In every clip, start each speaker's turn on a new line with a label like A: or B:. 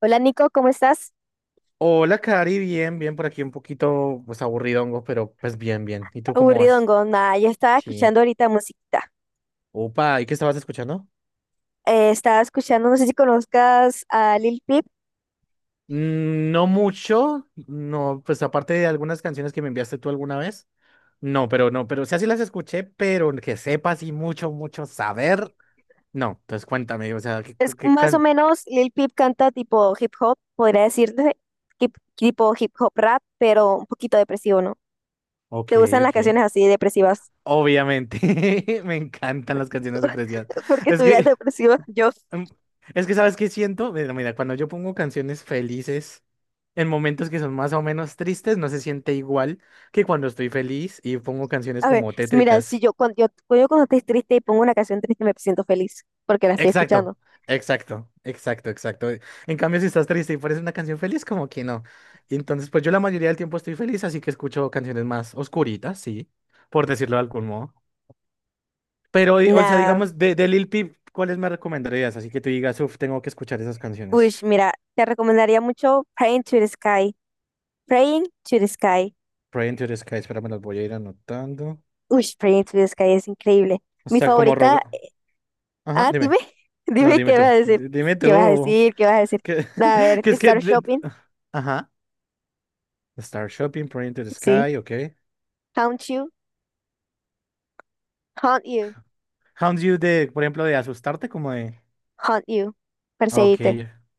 A: Hola Nico, ¿cómo estás?
B: Hola, Cari, bien, bien, por aquí un poquito, pues aburridongo, pero pues bien, bien. ¿Y tú cómo vas?
A: Aburridongo, nada, yo estaba
B: Sí.
A: escuchando ahorita musiquita.
B: Opa, ¿y qué estabas escuchando?
A: Estaba escuchando, no sé si conozcas a Lil Peep.
B: Mm, no mucho, no, pues aparte de algunas canciones que me enviaste tú alguna vez. No, pero no, pero o sea, sí las escuché, pero que sepa así mucho, mucho saber. No, entonces cuéntame, o sea, ¿qué,
A: Es
B: qué
A: más o
B: can...
A: menos, Lil Peep canta tipo hip hop, podría decirte, tipo hip hop rap, pero un poquito depresivo, ¿no?
B: Ok,
A: ¿Te gustan las
B: ok.
A: canciones así depresivas?
B: Obviamente, me encantan las canciones de Precious.
A: Porque
B: Es
A: tu vida es
B: que,
A: depresiva. Yo,
B: mm, es que, ¿sabes qué siento? Mira, mira, cuando yo pongo canciones felices en momentos que son más o menos tristes, no se siente igual que cuando estoy feliz y pongo canciones
A: a ver,
B: como
A: mira,
B: tétricas.
A: si yo cuando, yo cuando estoy triste y pongo una canción triste me siento feliz, porque la estoy
B: Exacto,
A: escuchando.
B: exacto, exacto, exacto. En cambio, si estás triste y pones una canción feliz, como que no. Y entonces, pues yo la mayoría del tiempo estoy feliz, así que escucho canciones más oscuritas, sí, por decirlo de algún modo. Pero, o sea,
A: Nada,
B: digamos, de Lil Peep, ¿cuáles me recomendarías? Así que tú digas, uff, tengo que escuchar esas
A: uy,
B: canciones.
A: mira, te recomendaría mucho Praying to the Sky. Praying to the Sky.
B: Pray into the Sky, espera, me las voy a ir anotando.
A: Uy, Prince of the Sky es increíble.
B: O
A: Mi
B: sea, como
A: favorita.
B: roga. Ajá,
A: Ah, dime,
B: dime. No,
A: dime
B: dime
A: qué vas a
B: tú.
A: decir.
B: Dime
A: ¿Qué vas a
B: tú.
A: decir? ¿Qué vas a decir?
B: Que,
A: A ver,
B: que es que.
A: Star Shopping.
B: Ajá. Star Shopping, Pray into the
A: Sí.
B: Sky, ok.
A: Haunt You. Haunt You.
B: Hounds You de, por ejemplo, de asustarte, como de.
A: Haunt You.
B: Ah, ok,
A: Perseguite.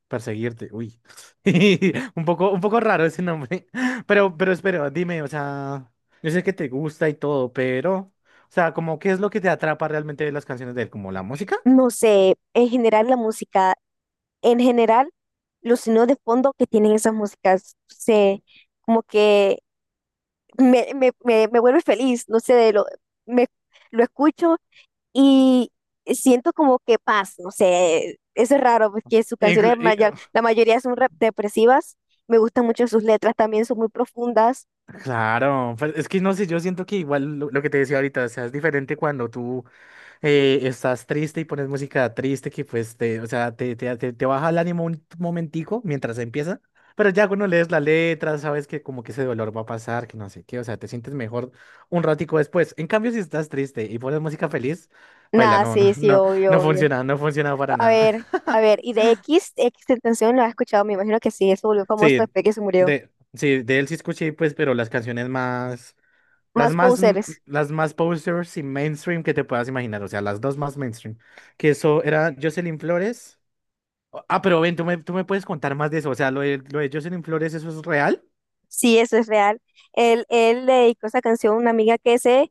B: perseguirte. Uy. Un poco raro ese nombre. Pero espera, dime, o sea, yo sé que te gusta y todo, pero. O sea, como, ¿qué es lo que te atrapa realmente de las canciones de él? ¿Como la música?
A: No sé, en general la música, en general los sonidos de fondo que tienen esas músicas, no sé, como que me vuelve feliz, no sé, de lo, me, lo escucho y siento como que paz, no sé, eso es raro porque sus canciones,
B: Inclu- y-
A: la mayoría son depresivas, me gustan mucho sus letras, también son muy profundas,
B: Claro, pues, es que no sé, yo siento que igual lo que te decía ahorita, o sea, es diferente cuando tú estás triste y pones música triste, que pues te, o sea, te baja el ánimo un momentico mientras empieza, pero ya cuando lees la letra sabes que como que ese dolor va a pasar, que no sé qué, o sea, te sientes mejor un ratico después. En cambio, si estás triste y pones música feliz, baila,
A: nada,
B: no, no,
A: sí, sí,
B: no,
A: obvio,
B: no
A: obvio.
B: funciona, no funciona para nada.
A: A ver, y de X Tentación lo has escuchado, me imagino que sí, eso volvió famoso
B: Sí,
A: después que se murió.
B: de, sí, de él sí escuché, pues, pero las canciones más, las
A: Más
B: más, m-
A: Posers,
B: las más posters y mainstream que te puedas imaginar, o sea, las dos más mainstream, que eso era Jocelyn Flores. Ah, pero ven, tú me puedes contar más de eso. O sea, lo de Jocelyn Flores, ¿eso es real?
A: sí, eso es real. Él le dedicó esa canción a una amiga que se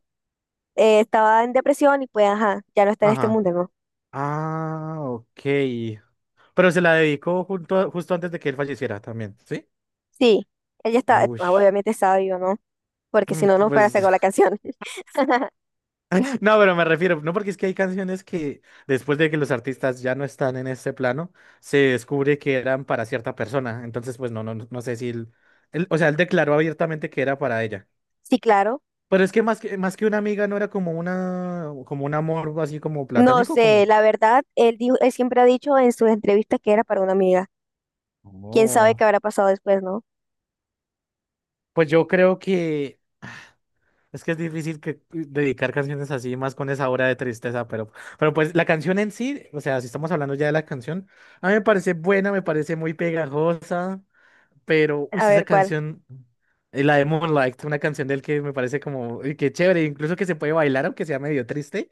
A: estaba en depresión y pues, ajá, ya no está en este
B: Ajá.
A: mundo, ¿no?
B: Ah, ok. Pero se la dedicó junto, justo antes de que él falleciera también, ¿sí?
A: Sí, ella está, ah,
B: Ush.
A: obviamente estaba viva, ¿no? Porque si
B: Mm,
A: no, no fuera a
B: pues,
A: sacar la canción.
B: no, pero me refiero, no, porque es que hay canciones que después de que los artistas ya no están en este plano, se descubre que eran para cierta persona. Entonces, pues no, no, no sé si él, o sea, él declaró abiertamente que era para ella.
A: Sí, claro.
B: Pero es que más que, más que una amiga no era como una, como un amor así como
A: No
B: platónico,
A: sé,
B: como...
A: la verdad, él siempre ha dicho en sus entrevistas que era para una amiga. ¿Quién sabe
B: Oh,
A: qué habrá pasado después, no?
B: pues yo creo que es difícil que dedicar canciones así más con esa hora de tristeza, pero pues la canción en sí, o sea, si estamos hablando ya de la canción, a mí me parece buena, me parece muy pegajosa, pero uy,
A: A
B: sí, esa
A: ver cuál.
B: canción, la de Moonlight, una canción del que me parece como uy, que chévere, incluso que se puede bailar aunque sea medio triste,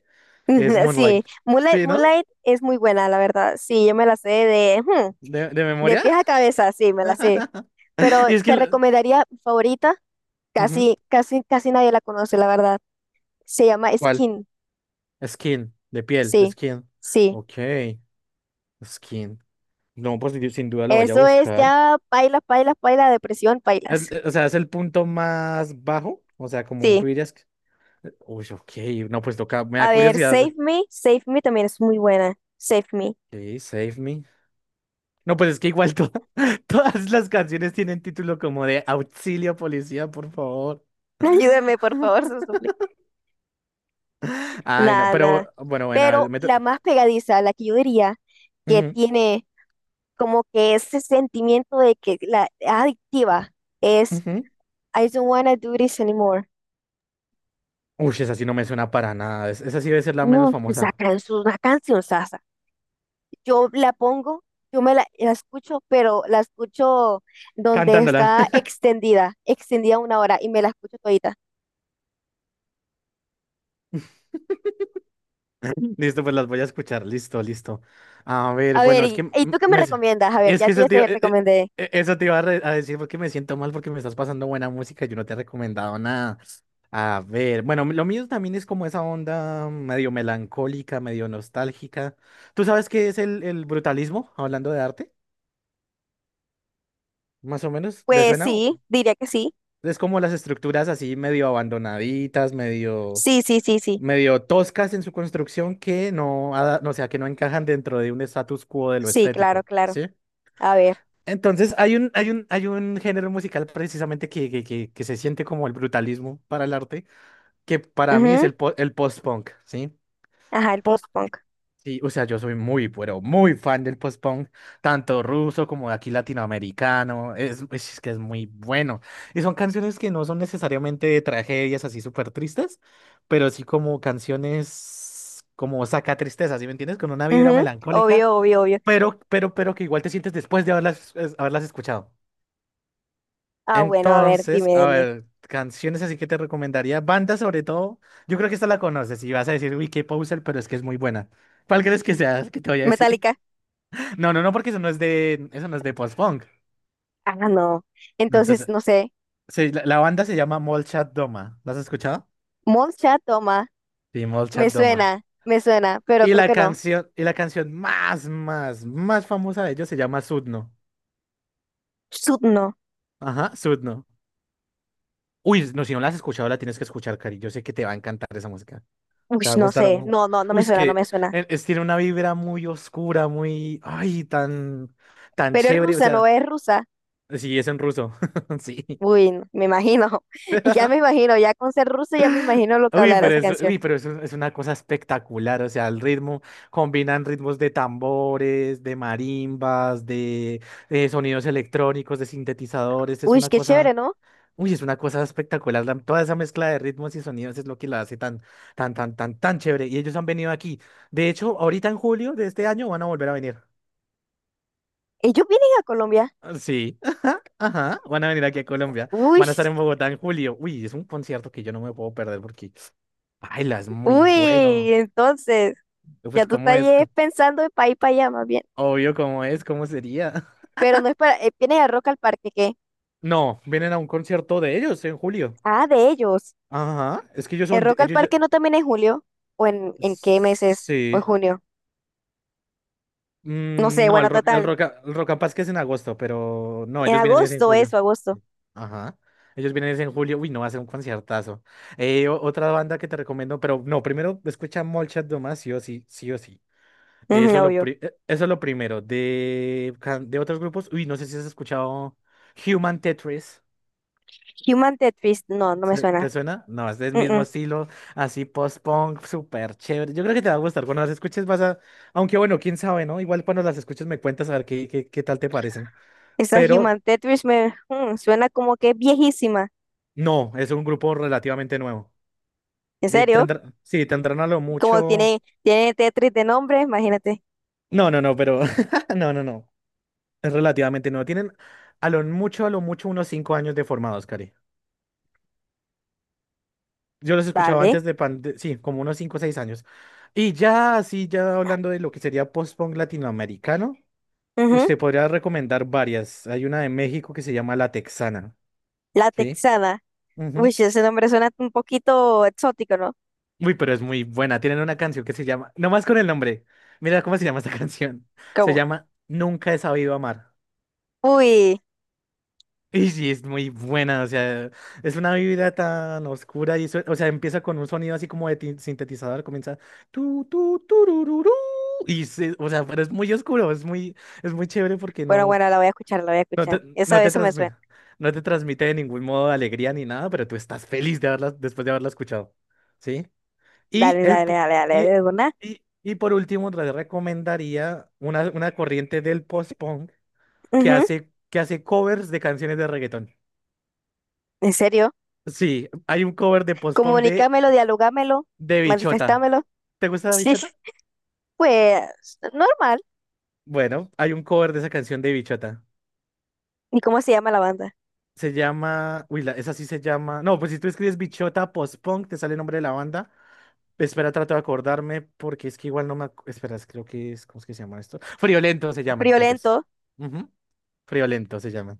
B: es
A: Sí,
B: Moonlight.
A: Moonlight,
B: ¿Sí, no?
A: Moonlight es muy buena, la verdad. Sí, yo me la sé de,
B: ¿De
A: de
B: memoria?
A: pies a cabeza, sí, me la sé. Pero
B: Y es que
A: te
B: lo-
A: recomendaría mi favorita,
B: Ujú.
A: casi, casi, casi nadie la conoce, la verdad. Se llama
B: ¿Cuál?
A: Skin,
B: Skin, de piel, de
A: sí,
B: skin.
A: sí.
B: Ok, skin. No, pues yo sin duda la voy a
A: Eso es
B: buscar.
A: ya pailas, pailas, pailas, depresión, pailas.
B: O sea, es el punto más bajo. O sea, como
A: Sí.
B: tú dirías que... Uy, ok. No, pues toca. Me
A: A
B: da
A: ver, Save
B: curiosidad.
A: Me, Save Me también es muy buena. Save Me.
B: Ok, Save Me. No, pues es que todas las canciones tienen título como de auxilio, policía, por favor.
A: Ayúdame, por favor, se lo suplico.
B: Ay, no.
A: Nada, nada.
B: Pero bueno, bueno. a ver,
A: Pero
B: me to-
A: la más pegadiza, la que yo diría que
B: Ujú,
A: tiene como que ese sentimiento de que la es adictiva es
B: ujú.
A: I don't wanna do this anymore.
B: Uy, esa sí no me suena para nada. Esa sí debe ser la menos
A: Uf, esa
B: famosa.
A: canción, una canción sasa. Yo la pongo, la escucho, pero la escucho donde
B: Cantándola.
A: está extendida, extendida una hora y me la escucho todita.
B: Listo, pues las voy a escuchar. Listo, listo. A ver,
A: A ver,
B: bueno, es que
A: ¿y tú qué me recomiendas? A ver,
B: es que
A: ya te recomendé.
B: eso te iba a, a decir porque me siento mal porque me estás pasando buena música y yo no te he recomendado nada. A ver, bueno, lo mío también es como esa onda medio melancólica, medio nostálgica. ¿Tú sabes qué es el brutalismo, hablando de arte? Más o menos, ¿le
A: Pues
B: suena?
A: sí, diría que sí.
B: Es como las estructuras así medio abandonaditas, medio...
A: Sí, sí, sí, sí.
B: medio toscas en su construcción que no, no, o sea, que no encajan dentro de un status quo de lo
A: Sí, claro,
B: estético,
A: claro.
B: ¿sí?
A: A ver.
B: Entonces, hay un género musical precisamente que, que se siente como el brutalismo para el arte, que para mí es
A: Ujú.
B: el post-punk, ¿sí?
A: Ajá, el post-punk.
B: Sí, o sea, yo soy muy, pero muy fan del post-punk, tanto ruso como de aquí latinoamericano, es que es muy bueno. Y son canciones que no son necesariamente de tragedias así súper tristes, pero sí como canciones como saca tristeza, ¿sí me entiendes? Con una vibra
A: Ujú.
B: melancólica,
A: Obvio, obvio, obvio.
B: pero que igual te sientes después de haberlas escuchado.
A: Ah, bueno, a ver,
B: Entonces,
A: dime,
B: a
A: dime.
B: ver, canciones así que te recomendaría, bandas sobre todo, yo creo que esta la conoces y vas a decir, uy, qué poser, pero es que es muy buena. ¿Cuál crees que sea que te voy a decir?
A: ¿Metallica?
B: No, no, no, porque eso no es de, eso no es de post-punk.
A: Ah, no.
B: No,
A: Entonces,
B: entonces,
A: no sé.
B: la banda se llama Molchat Doma. ¿La has escuchado?
A: Moncha, toma.
B: Sí, Molchat Doma.
A: Me suena, pero creo que no.
B: Y la canción más famosa de ellos se llama Sudno.
A: Sud, no.
B: Ajá, Sudno. Uy, no, si no la has escuchado, la tienes que escuchar, Cari. Yo sé que te va a encantar esa música.
A: Uy,
B: Te va a
A: no
B: gustar.
A: sé. No, no, no
B: Uy,
A: me
B: es
A: suena,
B: que
A: no me suena.
B: tiene una vibra muy oscura, muy, ay, tan, tan
A: Pero es
B: chévere. O
A: rusa, ¿no
B: sea,
A: es rusa?
B: sí, es en ruso. Sí.
A: Uy, no, me imagino. Ya me imagino, ya con ser rusa ya me imagino lo que hablará esa canción.
B: Uy, pero es, es una cosa espectacular, o sea, el ritmo, combinan ritmos de tambores, de marimbas, de, sonidos electrónicos, de sintetizadores, es
A: Uy,
B: una
A: qué chévere,
B: cosa,
A: ¿no?
B: uy, es una cosa espectacular, toda esa mezcla de ritmos y sonidos es lo que la hace tan, tan chévere, y ellos han venido aquí, de hecho, ahorita en julio de este año van a volver a venir.
A: Ellos vienen a Colombia.
B: Ah, sí, ajá, van a venir aquí a Colombia,
A: Uy,
B: van a estar en Bogotá en julio, uy, es un concierto que yo no me puedo perder porque... Baila, es muy
A: uy,
B: bueno.
A: entonces, ya
B: Pues,
A: tú
B: ¿cómo
A: estás
B: es?
A: pensando de país para allá más bien.
B: Obvio, ¿cómo es? ¿Cómo sería?
A: Pero no es para, vienes a Rock al Parque, ¿qué?
B: No, vienen a un concierto de ellos en julio.
A: Ah, de ellos.
B: Ajá, es que ellos
A: ¿El
B: son,
A: Rock al
B: ellos ya...
A: Parque no también en julio? ¿O en qué meses? ¿O en
B: Sí.
A: junio? No
B: Mm,
A: sé,
B: no,
A: bueno, total.
B: el Rock am Paz que es en agosto, pero no,
A: En
B: ellos vienen es en
A: agosto,
B: julio.
A: eso, agosto.
B: Ajá. Ellos vienen es en julio. Uy, no, va a ser un conciertazo. Otra banda que te recomiendo, pero no, primero escucha Molchat Domás, sí o sí, sí o sí.
A: Ujú, obvio.
B: Eso es lo primero. De, de otros grupos, uy, no sé si has escuchado Human Tetris.
A: Human Tetris, no, no me suena.
B: ¿Te suena? No, es del
A: Mm,
B: mismo
A: mm.
B: estilo, así post-punk, súper chévere. Yo creo que te va a gustar. Cuando las escuches vas a... Aunque bueno, quién sabe, ¿no? Igual cuando las escuches me cuentas a ver qué tal te parecen.
A: Esa
B: Pero
A: Human Tetris me suena como que es viejísima.
B: no, es un grupo relativamente nuevo.
A: ¿En serio?
B: Sí, tendrán a lo
A: Como
B: mucho...
A: tiene, tiene Tetris de nombre, imagínate.
B: No, no, no, pero... No, no, no. Es relativamente nuevo. Tienen a lo mucho unos 5 años de formados, Cari. Yo los escuchaba
A: Vale.
B: antes de sí, como unos 5 o 6 años. Y ya, así, ya hablando de lo que sería post-punk latinoamericano.
A: Ujú.
B: Usted podría recomendar varias. Hay una de México que se llama La Texana,
A: La
B: ¿sí?
A: texana. Uy,
B: Ujú.
A: sí, ese nombre suena un poquito exótico, ¿no?
B: Uy, pero es muy buena. Tienen una canción que se llama, nomás con el nombre, mira cómo se llama esta canción. Se
A: ¿Cómo?
B: llama Nunca he sabido amar.
A: Uy,
B: Y sí, es muy buena, o sea, es una vida tan oscura y eso, o sea, empieza con un sonido así como de sintetizador, comienza tu tu turururú, y o sea, pero es muy oscuro, es muy chévere porque
A: bueno,
B: no.
A: bueno, la voy a escuchar, la voy a
B: No
A: escuchar.
B: te,
A: Esa vez se me suena.
B: no te transmite de ningún modo alegría ni nada, pero tú estás feliz de haberla, después de haberla escuchado. ¿Sí? Y,
A: Dale,
B: el,
A: dale,
B: pu-
A: dale, dale,
B: y,
A: de una.
B: y por último, te recomendaría una corriente del post-punk
A: Ujú.
B: que hace covers de canciones de reggaetón.
A: ¿En serio?
B: Sí, hay un cover de post-punk
A: Comunícamelo, dialogámelo,
B: de Bichota.
A: manifestámelo.
B: ¿Te gusta
A: Sí,
B: Bichota?
A: pues, normal.
B: Bueno, hay un cover de esa canción de Bichota.
A: ¿Y cómo se llama la banda?
B: Se llama. Uy, esa sí se llama. No, pues si tú escribes Bichota Post-Punk, te sale el nombre de la banda. Espera, trato de acordarme porque es que igual no me... espera, creo que es... ¿Cómo es que se llama esto? Friolentos se llaman ellos.
A: Friolento.
B: Ujú, Friolentos se llaman.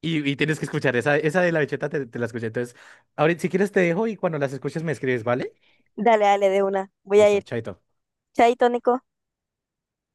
B: Y tienes que escuchar esa, esa de la bicheta, te la escuché. Entonces, ahorita si quieres te dejo y cuando las escuches me escribes, ¿vale?
A: Dale, dale, de una. Voy a
B: Listo,
A: ir.
B: chaito.
A: Chaito, Nico.